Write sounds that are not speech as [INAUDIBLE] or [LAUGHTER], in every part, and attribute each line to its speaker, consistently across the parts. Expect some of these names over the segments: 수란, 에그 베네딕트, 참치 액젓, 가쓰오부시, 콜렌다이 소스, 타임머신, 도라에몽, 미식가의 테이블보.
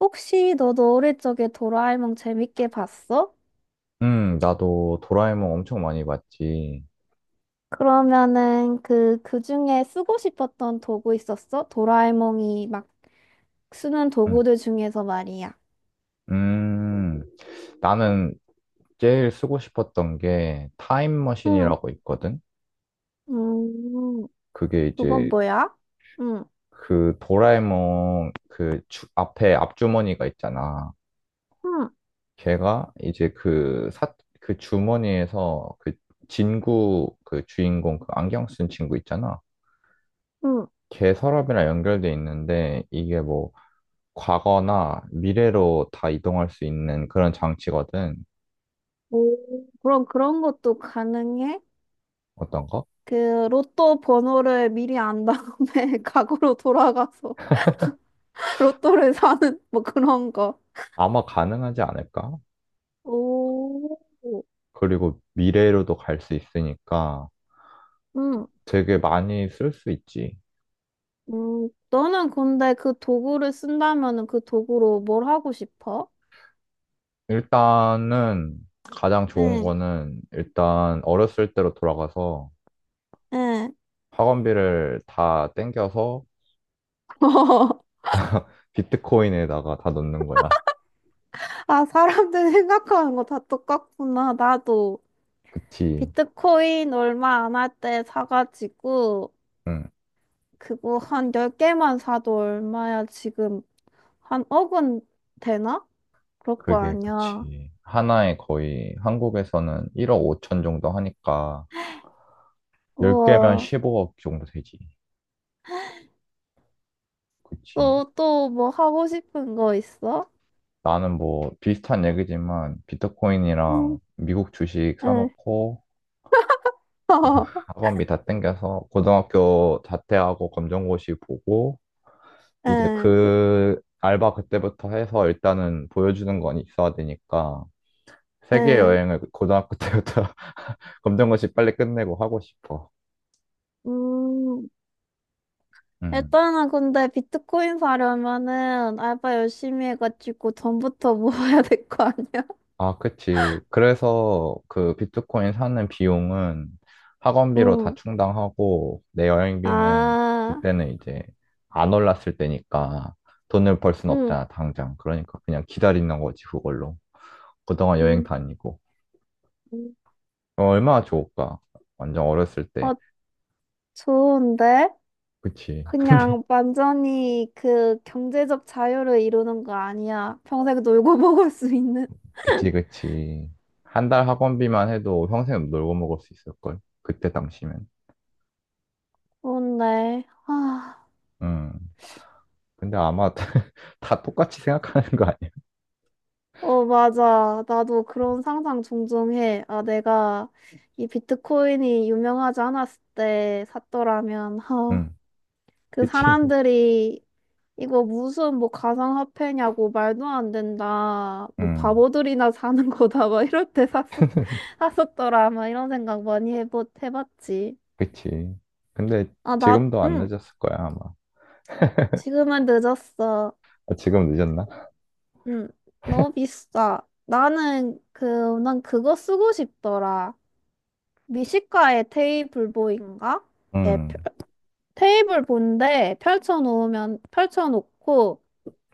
Speaker 1: 혹시 너도 어릴 적에 도라에몽 재밌게 봤어?
Speaker 2: 나도 도라에몽 엄청 많이 봤지.
Speaker 1: 그러면은 그 중에 쓰고 싶었던 도구 있었어? 도라에몽이 막 쓰는
Speaker 2: 음,
Speaker 1: 도구들 중에서 말이야.
Speaker 2: 음, 나는 제일 쓰고 싶었던 게
Speaker 1: 응.
Speaker 2: 타임머신이라고 있거든?
Speaker 1: 음,
Speaker 2: 그게
Speaker 1: 그건
Speaker 2: 이제
Speaker 1: 뭐야? 응,
Speaker 2: 그 도라에몽 그 앞에 앞주머니가 있잖아.
Speaker 1: 응,
Speaker 2: 걔가 이제 그 주머니에서 그 진구 그 주인공 그 안경 쓴 친구 있잖아.
Speaker 1: 응.
Speaker 2: 걔 서랍이랑 연결돼 있는데 이게 뭐 과거나 미래로 다 이동할 수 있는 그런 장치거든.
Speaker 1: 오, 그럼 그런 것도 가능해?
Speaker 2: 어떤 거?
Speaker 1: 그 로또 번호를 미리 안 다음에 [LAUGHS] 과거로 돌아가서 [LAUGHS] 로또를 사는 뭐 그런 거.
Speaker 2: 아마 가능하지 않을까?
Speaker 1: 오,
Speaker 2: 그리고 미래로도 갈 수 있으니까
Speaker 1: 응.
Speaker 2: 되게 많이 쓸 수 있지.
Speaker 1: 너는 근데 그 도구를 쓴다면은 그 도구로 뭘 하고 싶어?
Speaker 2: 일단은 가장 좋은
Speaker 1: 응,
Speaker 2: 거는 일단 어렸을 때로 돌아가서
Speaker 1: 응.
Speaker 2: 학원비를 다 땡겨서
Speaker 1: [LAUGHS]
Speaker 2: 비트코인에다가 다 넣는 거야.
Speaker 1: 아, 사람들 생각하는 거 다 똑같구나. 나도
Speaker 2: 그치.
Speaker 1: 비트코인 얼마 안 할 때 사가지고
Speaker 2: 응,
Speaker 1: 그거 한 열개만 사도 얼마야 지금 한 억은 되나? 그럴 거
Speaker 2: 그게
Speaker 1: 아니야.
Speaker 2: 그치. 하나에 거의 한국에서는 1억 5천 정도 하니까 10개면
Speaker 1: 우와.
Speaker 2: 15억 정도 되지. 그치.
Speaker 1: 또, 또 뭐 하고 싶은 거 있어?
Speaker 2: 나는 뭐 비슷한 얘기지만
Speaker 1: 응,
Speaker 2: 비트코인이랑 미국 주식
Speaker 1: 응.
Speaker 2: 사놓고 그다음 [LAUGHS]
Speaker 1: [LAUGHS]
Speaker 2: 학원비 다 땡겨서 고등학교 자퇴하고 검정고시 보고 이제
Speaker 1: 응,
Speaker 2: 그 알바 그때부터 해서 일단은 보여주는 건 있어야 되니까 세계
Speaker 1: 응.
Speaker 2: 여행을 고등학교 때부터 [LAUGHS] 검정고시 빨리 끝내고 하고 싶어.
Speaker 1: 음.
Speaker 2: 음.
Speaker 1: 일단은 근데 비트코인 사려면은 알바 열심히 해가지고 돈부터 [LAUGHS] 모아야 될 거 아니야? [LAUGHS]
Speaker 2: 아, 그치. 그래서 그 비트코인 사는 비용은 학원비로 다
Speaker 1: 응,
Speaker 2: 충당하고 내 여행비는
Speaker 1: 아,
Speaker 2: 그때는 이제 안 올랐을 때니까 돈을 벌 순
Speaker 1: 응.
Speaker 2: 없잖아, 당장. 그러니까 그냥 기다리는 거지, 그걸로. 그동안 여행
Speaker 1: 응,
Speaker 2: 다니고.
Speaker 1: 응.
Speaker 2: 어, 얼마나 좋을까? 완전 어렸을 때.
Speaker 1: 어, 좋은데?
Speaker 2: 그치.
Speaker 1: 그냥 완전히 그 경제적 자유를 이루는 거 아니야. 평생 놀고 [LAUGHS] 먹을 수 있는.
Speaker 2: 그치, 그치. 한 달 학원비만 해도 평생 놀고 먹을 수 있을걸? 그때 당시면.
Speaker 1: 좋은데. 아,
Speaker 2: 음. 근데 아마 [LAUGHS] 다, 똑같이 생각하는 거 아니야?
Speaker 1: 어, 맞아. 나도 그런 상상 종종 해. 아, 내가 이 비트코인이 유명하지 않았을 때 샀더라면,
Speaker 2: 음.
Speaker 1: 그
Speaker 2: 그치.
Speaker 1: 사람들이 이거 무슨 뭐 가상화폐냐고 말도 안 된다. 뭐
Speaker 2: 음,
Speaker 1: 바보들이나 사는 [LAUGHS] 거다. 막 이럴 때 [LAUGHS]
Speaker 2: [LAUGHS]
Speaker 1: 샀었더라. 막 이런 생각 많이 해봤지.
Speaker 2: 그치. 근데
Speaker 1: 아, 나,
Speaker 2: 지금도 안
Speaker 1: 응.
Speaker 2: 늦었을 거야, 아마.
Speaker 1: 지금은 늦었어.
Speaker 2: 아, 지금 늦었나?
Speaker 1: 응. 너무 비싸. 나는 그, 난 그거 쓰고 싶더라. 미식가의 테이블보인가? 예,
Speaker 2: 음,
Speaker 1: 테이블 본데 펼쳐놓고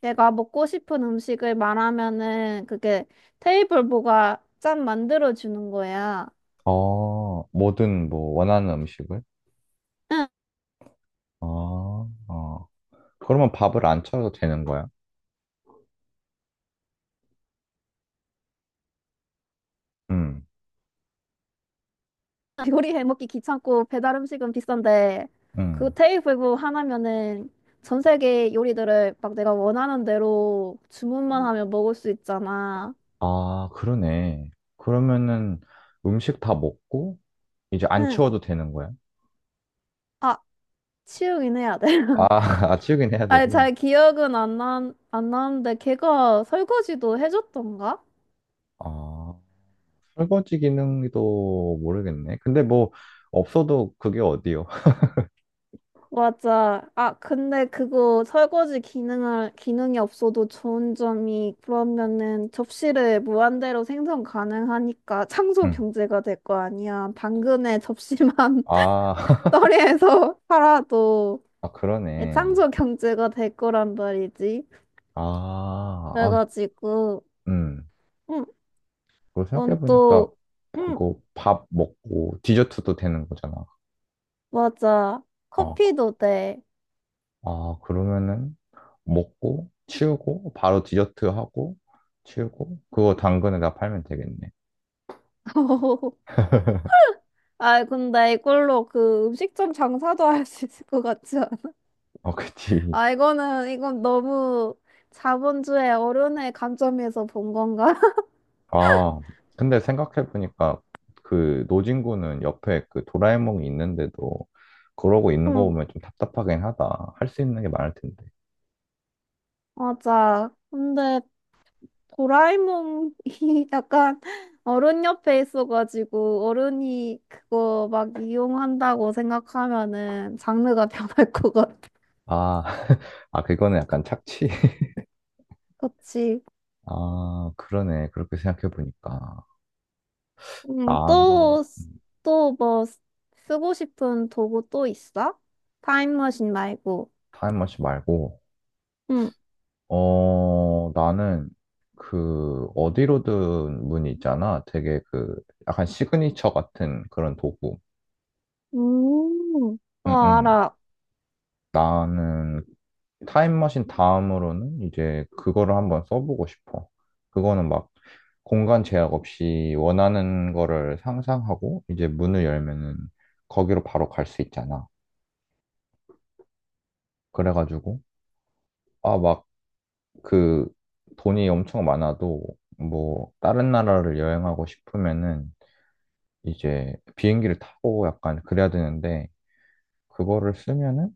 Speaker 1: 내가 먹고 싶은 음식을 말하면은 그게 테이블보가 짠 만들어 주는 거야.
Speaker 2: 뭐든 뭐 원하는 음식을?
Speaker 1: 응,
Speaker 2: 어, 어. 그러면 밥을 안 차려도 되는 거야? 음,
Speaker 1: [LAUGHS] 요리해 먹기 귀찮고 배달 음식은 비싼데 그
Speaker 2: 음.
Speaker 1: 테이블보 하나면은 전 세계 요리들을 막 내가 원하는 대로 주문만 하면 먹을 수 있잖아.
Speaker 2: 아, 그러네. 그러면은 음식 다 먹고 이제 안
Speaker 1: 응.
Speaker 2: 치워도 되는 거야?
Speaker 1: 아, 치우긴 해야 돼.
Speaker 2: 아,
Speaker 1: [LAUGHS]
Speaker 2: [LAUGHS] 아, 치우긴 해야
Speaker 1: 아니,
Speaker 2: 되고.
Speaker 1: 잘 기억은 안 나는데 걔가 설거지도 해줬던가?
Speaker 2: 아, 설거지 기능도 모르겠네. 근데 뭐 없어도 그게 어디요? [LAUGHS]
Speaker 1: 맞아. 아, 근데 그거 설거지 기능이 없어도 좋은 점이 그러면은 접시를 무한대로 생성 가능하니까 창조
Speaker 2: 음.
Speaker 1: 경제가 될 거 아니야. 당근에 접시만 [LAUGHS]
Speaker 2: 아, [LAUGHS]
Speaker 1: 떨이에서 팔아도
Speaker 2: 아, 그러네.
Speaker 1: 창조 경제가 될 거란 말이지.
Speaker 2: 아, 아,
Speaker 1: 그래가지고,
Speaker 2: 음.
Speaker 1: 응,
Speaker 2: 그거
Speaker 1: 넌
Speaker 2: 생각해보니까
Speaker 1: 또, 응,
Speaker 2: 그거 밥 먹고 디저트도 되는 거잖아.
Speaker 1: 맞아.
Speaker 2: 아,
Speaker 1: 커피도 돼.
Speaker 2: 아, 그러면은 먹고 치우고 바로 디저트 하고 치우고 그거 당근에다 팔면 되겠네.
Speaker 1: [LAUGHS] 아, 근데 이걸로 그 음식점 장사도 할 수 있을 것 같지
Speaker 2: 어, [LAUGHS] 그치.
Speaker 1: 아, 이건 너무 자본주의 어른의 관점에서 본 건가? [LAUGHS]
Speaker 2: 아, 근데 생각해보니까 그 노진구는 옆에 그 도라에몽이 있는데도 그러고 있는 거
Speaker 1: 음,
Speaker 2: 보면 좀 답답하긴 하다. 할 수 있는 게 많을 텐데.
Speaker 1: 맞아. 근데 도라에몽이 [LAUGHS] 약간 어른 옆에 있어가지고 어른이 그거 막 이용한다고 생각하면은 장르가 [LAUGHS] 변할 것 같아.
Speaker 2: 아, [LAUGHS] 아, 그거는 약간 착취
Speaker 1: 그치.
Speaker 2: 아, 그러네. 그렇게 생각해보니까. 난,
Speaker 1: 또,
Speaker 2: 음,
Speaker 1: 또 뭐 쓰고 싶은 도구 또 있어? 타임머신 말고.
Speaker 2: 타임머신 말고,
Speaker 1: 응.
Speaker 2: 나는, 그, 어디로든 문이 있잖아. 되게 그, 약간 시그니처 같은 그런 도구.
Speaker 1: 음, 어,
Speaker 2: 응, 응.
Speaker 1: 알아.
Speaker 2: 나는 타임머신 다음으로는 이제 그거를 한번 써보고 싶어. 그거는 막 공간 제약 없이 원하는 거를 상상하고, 이제 문을 열면은 거기로 바로 갈 수 있잖아. 그래가지고, 아, 막, 그 돈이 엄청 많아도 뭐 다른 나라를 여행하고 싶으면은 이제 비행기를 타고 약간 그래야 되는데 그거를 쓰면은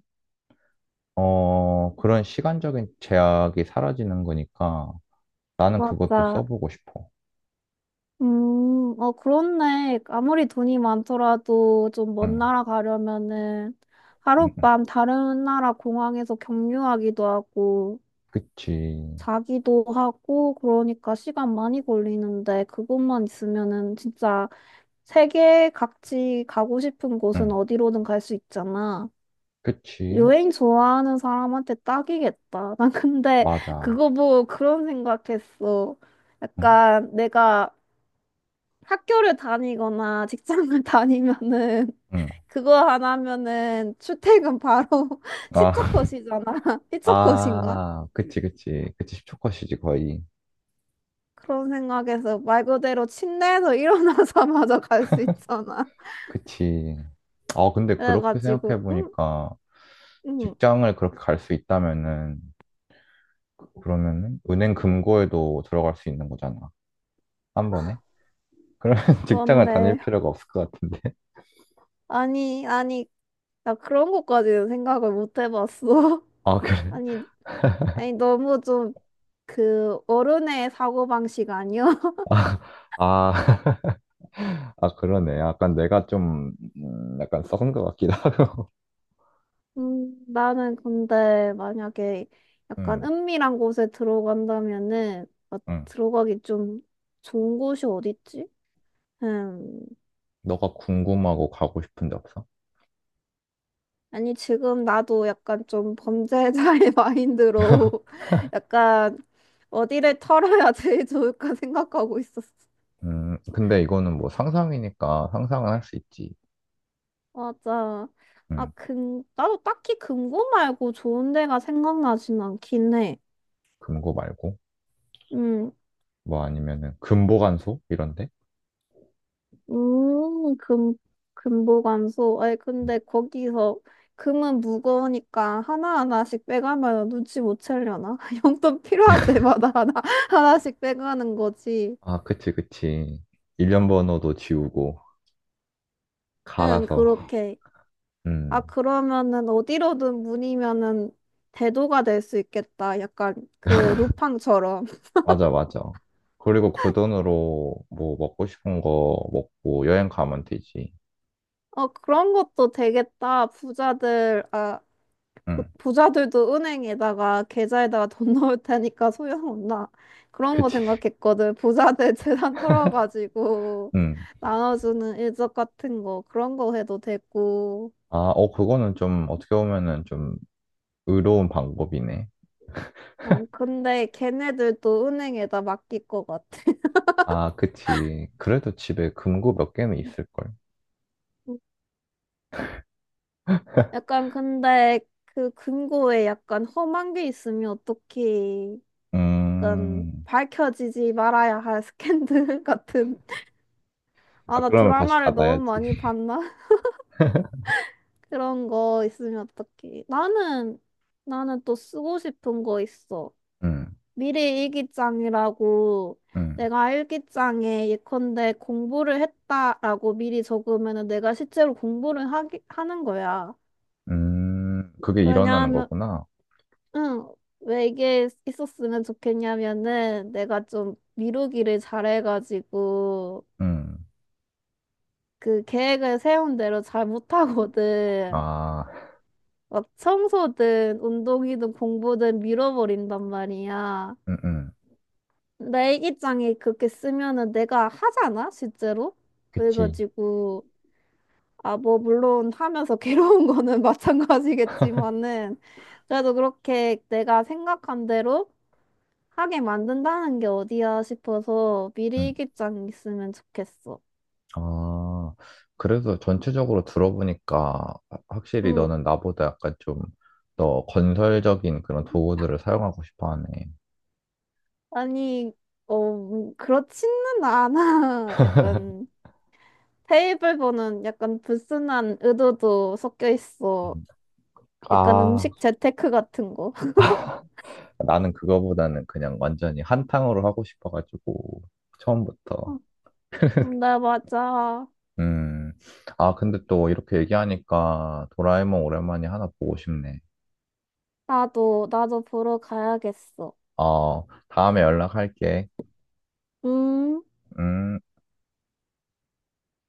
Speaker 2: 그런 시간적인 제약이 사라지는 거니까 나는 그것도
Speaker 1: 맞아.
Speaker 2: 써보고 싶어.
Speaker 1: 어, 그렇네. 아무리 돈이 많더라도 좀 먼
Speaker 2: 응,
Speaker 1: 나라 가려면은
Speaker 2: 응, 응.
Speaker 1: 하룻밤 다른 나라 공항에서 경유하기도 하고
Speaker 2: 그치.
Speaker 1: 자기도 하고 그러니까 시간 많이 걸리는데 그것만 있으면은 진짜 세계 각지 가고 싶은 곳은
Speaker 2: 응,
Speaker 1: 어디로든 갈 수 있잖아.
Speaker 2: 그치.
Speaker 1: 여행 좋아하는 사람한테 딱이겠다. [LAUGHS] 난 근데
Speaker 2: 맞아.
Speaker 1: 그거 보고 그런 생각했어.
Speaker 2: 응,
Speaker 1: 약간 내가 학교를 다니거나 직장을 [LAUGHS] 다니면은
Speaker 2: 응.
Speaker 1: 그거 안 하면은 출퇴근 바로 [LAUGHS]
Speaker 2: 아,
Speaker 1: 시초컷이잖아. [LAUGHS]
Speaker 2: [LAUGHS]
Speaker 1: 시초컷인가?
Speaker 2: 아, 그치, 그치. 그치. 10초 컷이지, 거의.
Speaker 1: 그런 생각에서 말 그대로 침대에서 [LAUGHS] 일어나자마자 갈 수 있잖아.
Speaker 2: 그치. 아, 근데 그렇게
Speaker 1: 그래가지고 응?
Speaker 2: 생각해보니까
Speaker 1: 응.
Speaker 2: 직장을 그렇게 갈 수 있다면은 그러면은 은행 금고에도 들어갈 수 있는 거잖아. 한 번에. 그러면 [LAUGHS] 직장을 다닐
Speaker 1: 그런데
Speaker 2: 필요가 없을 것 같은데. [LAUGHS]
Speaker 1: 아니 아니 나 그런 것까지는 생각을 못 해봤어.
Speaker 2: 아,
Speaker 1: [LAUGHS]
Speaker 2: 그래?
Speaker 1: 아니 아니 너무 좀 그 어른의 사고방식 아니야?
Speaker 2: 아, 아, [LAUGHS] 아, 그러네. 약간 내가 좀 약간 썩은 것 같기도 [LAUGHS] 하고.
Speaker 1: 나는 근데 만약에 약간
Speaker 2: 응,
Speaker 1: 은밀한 곳에 들어간다면은 어,
Speaker 2: 응.
Speaker 1: 들어가기 좀 좋은 곳이 어딨지? 음,
Speaker 2: 너가 궁금하고 가고 싶은 데 없어?
Speaker 1: 아니 지금 나도 약간 좀 범죄자의 [LAUGHS] 마인드로 약간 어디를 털어야 제일 좋을까 생각하고 있었어.
Speaker 2: 근데 이거는 뭐 상상이니까 상상은 할 수 있지.
Speaker 1: 맞아. 아,
Speaker 2: 음,
Speaker 1: 근 나도 딱히 금고 말고 좋은 데가 생각나진 않긴 해.
Speaker 2: 금고 말고
Speaker 1: 음,
Speaker 2: 뭐 아니면은 금보관소 이런데?
Speaker 1: 음, 금, 금보관소. 아니, 근데 거기서 금은 무거우니까 하나하나씩 빼가면 눈치 못 채려나? [LAUGHS] 용돈 필요할 때마다 하나씩 빼가는 거지.
Speaker 2: 아, 그치, 그치. 일련 번호도 지우고.
Speaker 1: 응,
Speaker 2: 갈아서.
Speaker 1: 그렇게. 아,
Speaker 2: 음,
Speaker 1: 그러면은 어디로든 문이면은 대도가 될 수 있겠다. 약간 그 루팡처럼. [LAUGHS]
Speaker 2: 맞아, 맞아. 그리고 그 돈으로 뭐 먹고 싶은 거 먹고 여행 가면 되지.
Speaker 1: 어, 그런 것도 되겠다.
Speaker 2: 응,
Speaker 1: 부자들도 은행에다가 계좌에다가 돈 [LAUGHS] 넣을 테니까 소용없나. 그런 거
Speaker 2: 그치.
Speaker 1: 생각했거든. 부자들 [LAUGHS] 재산 털어가지고
Speaker 2: 응.
Speaker 1: 나눠주는 일적 같은 거 그런 거 해도 되고.
Speaker 2: 아, 어, 그거는 좀 어떻게 보면은 좀 의로운 방법이네.
Speaker 1: 아, 근데 걔네들도 은행에다 맡길 것 같아.
Speaker 2: 아, 그치. 그래도 집에 금고 몇 개는 있을걸.
Speaker 1: [LAUGHS] 약간 근데 그 금고에 약간 험한 게 있으면 어떻게 약간
Speaker 2: 음.
Speaker 1: 밝혀지지 말아야 할 스캔들 [LAUGHS] 같은. 아,
Speaker 2: 아,
Speaker 1: 나
Speaker 2: 그러면 다시
Speaker 1: 드라마를 너무
Speaker 2: 닫아야지.
Speaker 1: 많이 봤나?
Speaker 2: [LAUGHS]
Speaker 1: 그런 거 있으면 어떡해. 나는 또 쓰고 싶은 거 있어.
Speaker 2: 응
Speaker 1: 미래 일기장이라고
Speaker 2: 응
Speaker 1: 내가 일기장에 예컨대 공부를 했다라고 미리 적으면은 내가 실제로 공부를 하는 거야.
Speaker 2: 그게 일어나는
Speaker 1: 왜냐하면,
Speaker 2: 거구나.
Speaker 1: 응, 왜 이게 있었으면 좋겠냐면은 내가 좀 미루기를 잘해가지고
Speaker 2: 응
Speaker 1: 그 계획을 세운 대로 잘 못하거든.
Speaker 2: 아,
Speaker 1: 막 청소든 운동이든 공부든 밀어버린단 말이야.
Speaker 2: 응응
Speaker 1: 내 일기장에 그렇게 쓰면은 내가 하잖아, 실제로?
Speaker 2: 그치.
Speaker 1: 그래가지고, 아, 뭐, 물론 하면서 [LAUGHS] 괴로운 거는 마찬가지겠지만은, 그래도 그렇게 내가 생각한 대로 하게 만든다는 게 어디야 싶어서 미리
Speaker 2: 응.
Speaker 1: 일기장 있으면 좋겠어.
Speaker 2: 아, 그래서 전체적으로 들어보니까 확실히
Speaker 1: 응.
Speaker 2: 너는 나보다 약간 좀 더 건설적인 그런 도구들을 사용하고 싶어 하네.
Speaker 1: 아니, 그렇지는 않아. [LAUGHS] 약간. 테이블보는 약간 불순한 의도도 섞여 있어.
Speaker 2: 음.
Speaker 1: 약간
Speaker 2: 아,
Speaker 1: 음식 재테크 같은 거. [LAUGHS]
Speaker 2: 나는 그거보다는 그냥 완전히 한탕으로 하고 싶어가지고, 처음부터.
Speaker 1: 어, 네, 맞아.
Speaker 2: 음, 아, 근데 또 이렇게 얘기하니까 도라에몽 오랜만에 하나 보고 싶네.
Speaker 1: 나도 보러 가야겠어.
Speaker 2: 어, 다음에 연락할게.
Speaker 1: 음.
Speaker 2: 음.